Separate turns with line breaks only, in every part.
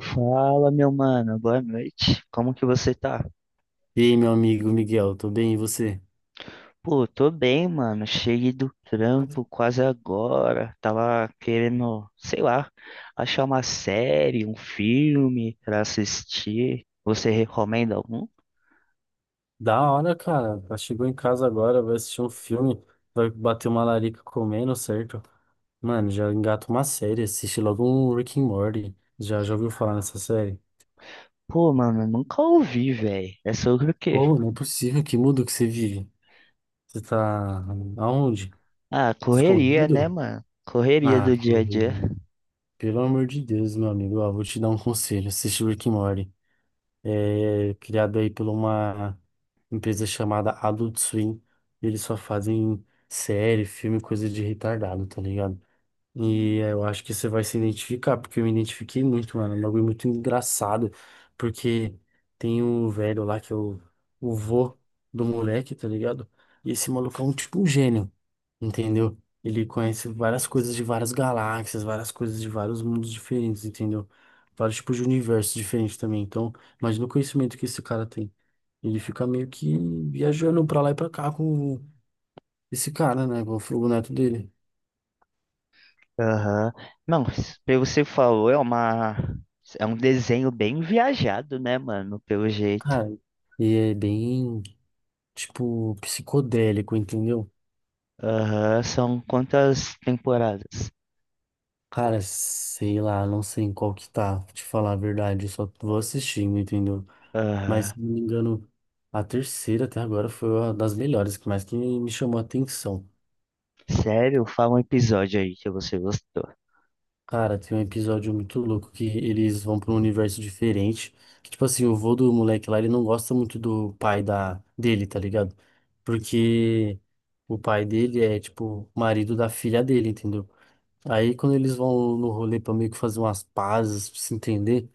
Fala, meu mano, boa noite. Como que você tá?
E aí, meu amigo Miguel, tô bem, e você?
Pô, tô bem, mano. Cheguei do trampo quase agora. Tava querendo, sei lá, achar uma série, um filme pra assistir. Você recomenda algum?
Da hora, cara. Ela chegou em casa agora, vai assistir um filme, vai bater uma larica comendo, certo? Mano, já engata uma série, assiste logo um Rick and Morty. Já ouviu falar nessa série?
Pô, mano, eu nunca ouvi, velho. É sobre o quê?
Ô, não é possível, que mundo que você vive. Você tá aonde?
Ah, correria, né,
Escondido?
mano? Correria
Ah,
do dia a dia.
corrido. Pelo amor de Deus, meu amigo, ó, vou te dar um conselho, assiste Rick and Morty. É criado aí por uma empresa chamada Adult Swim. E eles só fazem série, filme, coisa de retardado, tá ligado? E eu acho que você vai se identificar, porque eu me identifiquei muito, mano. É um bagulho muito engraçado. Porque tem um velho lá que é o vô do moleque, tá ligado? E esse maluco é um tipo um gênio, entendeu? Ele conhece várias coisas de várias galáxias, várias coisas de vários mundos diferentes, entendeu? Vários tipos de universos diferentes também. Então, imagina o conhecimento que esse cara tem. Ele fica meio que viajando pra lá e pra cá com esse cara, né? Com o neto dele.
Aham. Não, pelo que você falou, é uma. é um desenho bem viajado, né, mano? Pelo jeito.
Cara, e é bem. Tipo, psicodélico, entendeu?
Aham, são quantas temporadas?
Cara, sei lá, não sei em qual que tá, pra te falar a verdade, eu só vou assistindo, entendeu? Mas,
Aham.
se não me engano, a terceira até agora foi uma das melhores, que mais que me chamou a atenção.
Sério? Fala um episódio aí que você gostou.
Cara, tem um episódio muito louco que eles vão pra um universo diferente, que, tipo assim, o vô do moleque lá, ele não gosta muito do pai da dele, tá ligado? Porque o pai dele é, tipo, marido da filha dele, entendeu? Aí quando eles vão no rolê pra meio que fazer umas pazes, pra se entender,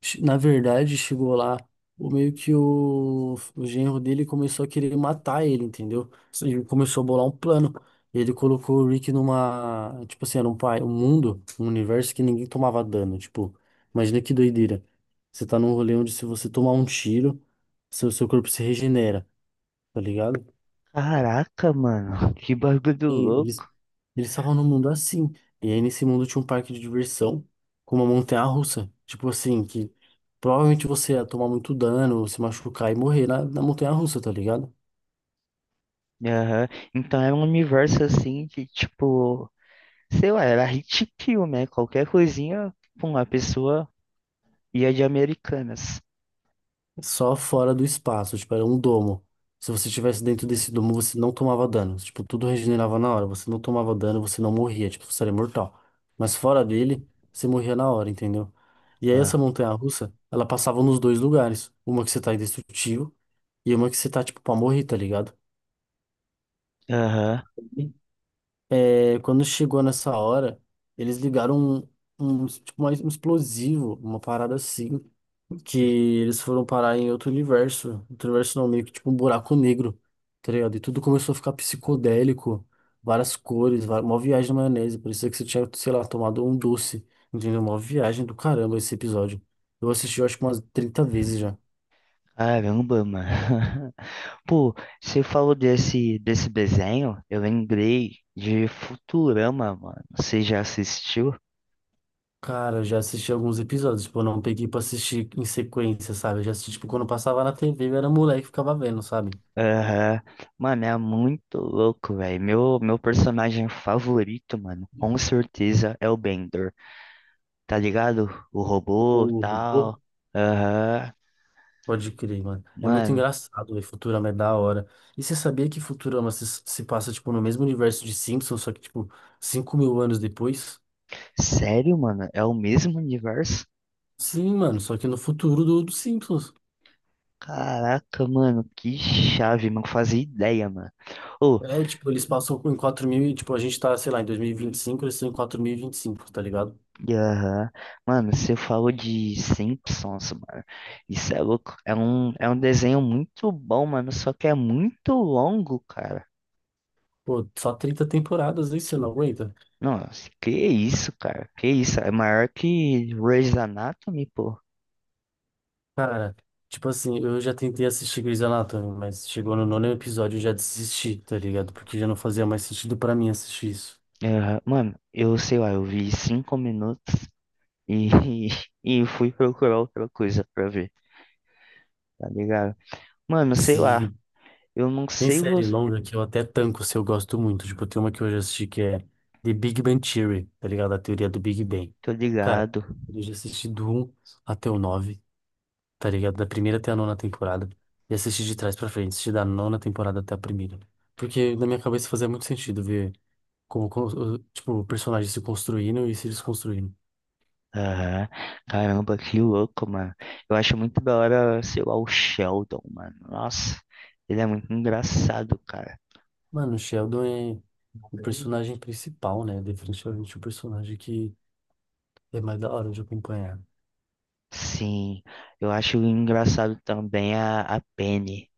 na verdade chegou lá, o meio que o genro dele começou a querer matar ele, entendeu? Ele começou a bolar um plano. Ele colocou o Rick numa, tipo assim, era um pai, um mundo, um universo que ninguém tomava dano, tipo, imagina que doideira. Você tá num rolê onde se você tomar um tiro, seu corpo se regenera, tá ligado?
Caraca, mano, que bagulho
E eles
louco.
eles estavam num mundo assim. E aí nesse mundo tinha um parque de diversão com uma montanha-russa. Tipo assim, que provavelmente você ia tomar muito dano, se machucar e morrer na, montanha-russa, tá ligado?
Aham. Então era um universo assim que, tipo, sei lá, era hit kill, né? Qualquer coisinha, pum, a pessoa ia de Americanas.
Só fora do espaço, tipo, era um domo. Se você estivesse dentro desse domo, você não tomava dano. Tipo, tudo regenerava na hora. Você não tomava dano, você não morria. Tipo, você era imortal. Mas fora dele, você morria na hora, entendeu? E aí essa
Ah.
montanha-russa, ela passava nos dois lugares. Uma que você tá indestrutível e uma que você tá, tipo, pra morrer, tá ligado?
Aham.
E, É, quando chegou nessa hora, eles ligaram um, um, tipo, mais um explosivo, uma parada assim. Que eles foram parar em outro universo. Outro universo não, meio que tipo um buraco negro, tá ligado? E tudo começou a ficar psicodélico, várias cores, uma viagem na maionese. Parecia que você tinha, sei lá, tomado um doce, entendeu? Uma viagem do caramba esse episódio. Eu assisti, eu acho que umas 30 vezes já.
Caramba, mano. Pô, você falou desse desenho, eu lembrei de Futurama, mano. Você já assistiu?
Cara, eu já assisti alguns episódios, tipo, eu não peguei pra assistir em sequência, sabe? Eu já assisti, tipo, quando passava na TV, eu era moleque e ficava vendo, sabe?
Aham. Mano, é muito louco, velho. Meu personagem favorito, mano, com certeza é o Bender. Tá ligado? O robô,
O,
tal. Aham.
pode crer, mano. É muito
Mano,
engraçado, velho. Futurama é da hora. E você sabia que Futurama se passa, tipo, no mesmo universo de Simpsons, só que, tipo, 5.000 anos depois?
sério, mano? É o mesmo universo?
Sim, mano, só que no futuro do Simpsons.
Caraca, mano, que chave, não fazia ideia, mano. Ô,
É, tipo, eles passam em 4000 e, tipo, a gente tá, sei lá, em 2025 eles estão em 4025 tá ligado?
E, aham. Mano, você falou de Simpsons, mano. Isso é louco. É um desenho muito bom, mano. Só que é muito longo, cara.
Pô, só 30 temporadas aí, você não aguenta?
Nossa, que isso, cara? Que isso? É maior que Grey's Anatomy, pô.
Cara, tipo assim, eu já tentei assistir Grey's Anatomy, mas chegou no nono episódio e eu já desisti, tá ligado? Porque já não fazia mais sentido pra mim assistir isso.
Aham. Mano, eu sei lá, eu vi 5 minutos e, e fui procurar outra coisa pra ver, tá ligado? Mano, sei lá.
Sim.
Eu não
Tem
sei
série
você.
longa que eu até tanco se eu gosto muito. Tipo, tem uma que eu já assisti que é The Big Bang Theory, tá ligado? A teoria do Big Bang.
Tô
Cara,
ligado.
eu já assisti do um até o 9, tá ligado? Da primeira até a nona temporada. E assisti de trás pra frente, assisti da nona temporada até a primeira. Porque na minha cabeça fazia muito sentido ver como, como tipo, o personagem se construindo e se desconstruindo.
Aham. Caramba, que louco, mano. Eu acho muito da hora, sei lá, o Sheldon, mano. Nossa, ele é muito engraçado, cara.
Mano, o Sheldon é o personagem principal, né? Definitivamente o personagem que é mais da hora de acompanhar.
Sim, eu acho engraçado também a Penny.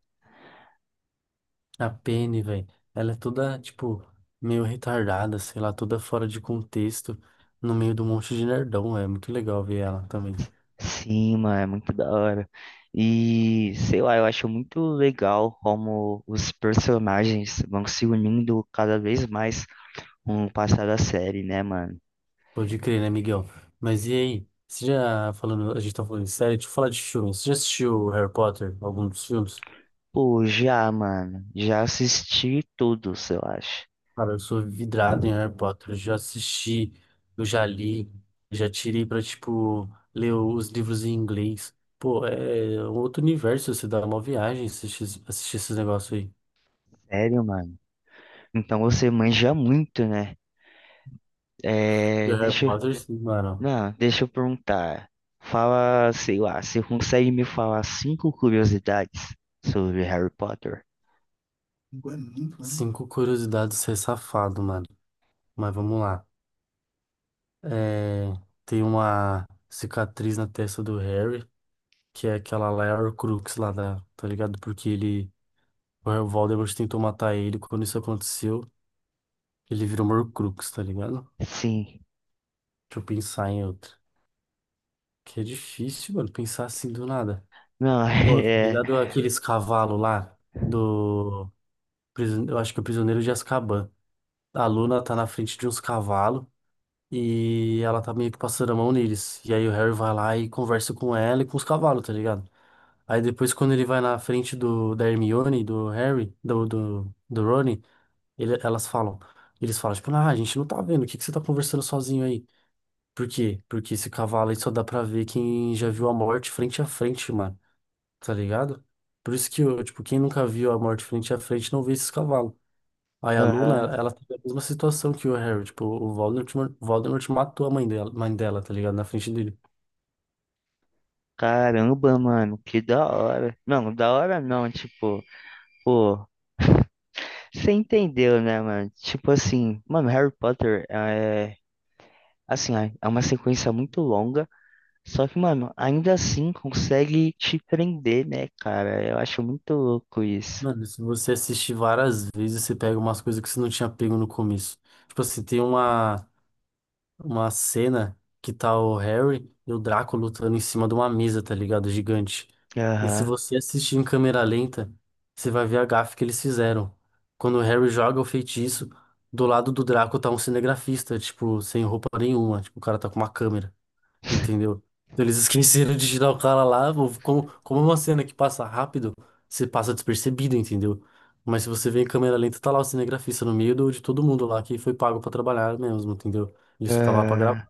A Penny, velho, ela é toda, tipo, meio retardada, sei lá, toda fora de contexto, no meio de um monte de nerdão, é muito legal ver ela também.
Sim, mano, é muito da hora. E, sei lá, eu acho muito legal como os personagens vão se unindo cada vez mais com o passar da série, né, mano?
Pode crer, né, Miguel? Mas e aí? Você já falando, a gente tá falando de série, deixa eu falar de filmes. Você já assistiu Harry Potter, algum dos filmes?
Pô, já, mano, já assisti todos, eu acho.
Cara, eu sou vidrado em Harry Potter, eu já assisti, eu já li, já tirei pra, tipo, ler os livros em inglês. Pô, é outro universo, você dá uma viagem assistir esses negócios aí.
Sério, mano. Então você manja muito, né?
De
É,
Harry
deixa, eu-
Potter, sim, mano.
não, deixa eu perguntar. Fala, sei lá, você consegue me falar cinco curiosidades sobre Harry Potter?
Cinco curiosidades ser safado, mano. Mas vamos lá. É, tem uma cicatriz na testa do Harry, que é aquela lá, é a Horcrux lá da, tá ligado? Porque ele, o Voldemort tentou matar ele, quando isso aconteceu, ele virou uma Horcrux, tá ligado?
Sim.
Deixa eu pensar em outra. Que é difícil, mano, pensar assim do nada.
Não,
Pô, tá
é.
ligado aqueles cavalos lá do... Eu acho que é o Prisioneiro de Azkaban. A Luna tá na frente de uns cavalos, e ela tá meio que passando a mão neles. E aí o Harry vai lá e conversa com ela e com os cavalos, tá ligado? Aí depois, quando ele vai na frente do, da Hermione, do Harry, do Rony, elas falam. Eles falam, tipo, ah, a gente não tá vendo, o que que você tá conversando sozinho aí? Por quê? Porque esse cavalo aí só dá pra ver quem já viu a morte frente a frente, mano, tá ligado? Por isso que, eu, tipo, quem nunca viu a morte frente a frente não vê esses cavalos. Aí a Luna,
Aham.
ela teve a mesma situação que o Harry, tipo, o Voldemort matou a mãe dela, tá ligado? Na frente dele.
Caramba, mano, que da hora. Não, da hora não, tipo, pô, você entendeu, né, mano? Tipo assim, mano, Harry Potter é, assim, é uma sequência muito longa. Só que, mano, ainda assim consegue te prender, né, cara? Eu acho muito louco isso.
Mano, se você assistir várias vezes, você pega umas coisas que você não tinha pego no começo. Tipo assim, tem uma cena que tá o Harry e o Draco lutando em cima de uma mesa, tá ligado? Gigante. E se
Aham.
você assistir em câmera lenta, você vai ver a gafe que eles fizeram. Quando o Harry joga o feitiço, do lado do Draco tá um cinegrafista, tipo, sem roupa nenhuma. Tipo, o cara tá com uma câmera. Entendeu? Então, eles esqueceram de tirar o cara lá, ou como, como é uma cena que passa rápido, você passa despercebido, entendeu? Mas se você vê em câmera lenta, tá lá o cinegrafista no meio de todo mundo lá que foi pago pra trabalhar mesmo, entendeu? Ele só tava lá pra gravar.
Ah,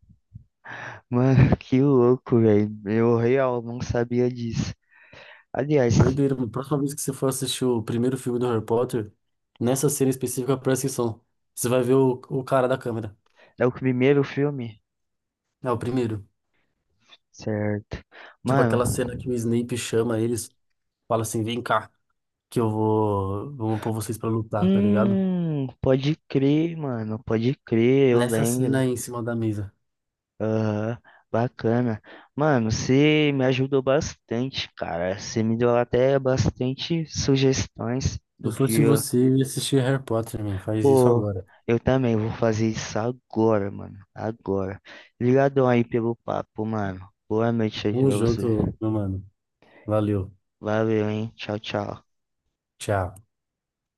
mano, que louco, velho. Eu real não sabia disso. Aliás,
Doideira, mano. Próxima vez que você for assistir o primeiro filme do Harry Potter, nessa cena específica, presta atenção. Você vai ver o cara da câmera.
é o primeiro filme?
É o primeiro.
Certo.
Tipo aquela
Mano,
cena que o Snape chama eles, fala assim: vem cá, que eu vou, vou pôr vocês pra lutar, tá ligado?
pode crer, mano, pode crer, eu
Nessa cena
lembro.
aí em cima da mesa.
Aham, bacana. Mano, você me ajudou bastante, cara. Você me deu até bastante sugestões
Se eu
do
fosse
que.
você, eu ia assistir Harry Potter, man. Faz isso
Pô,
agora.
eu também vou fazer isso agora, mano. Agora. Obrigadão aí pelo papo, mano. Boa noite aí
Tamo
pra você.
junto, meu mano. Valeu.
Valeu, hein? Tchau, tchau.
Tchau.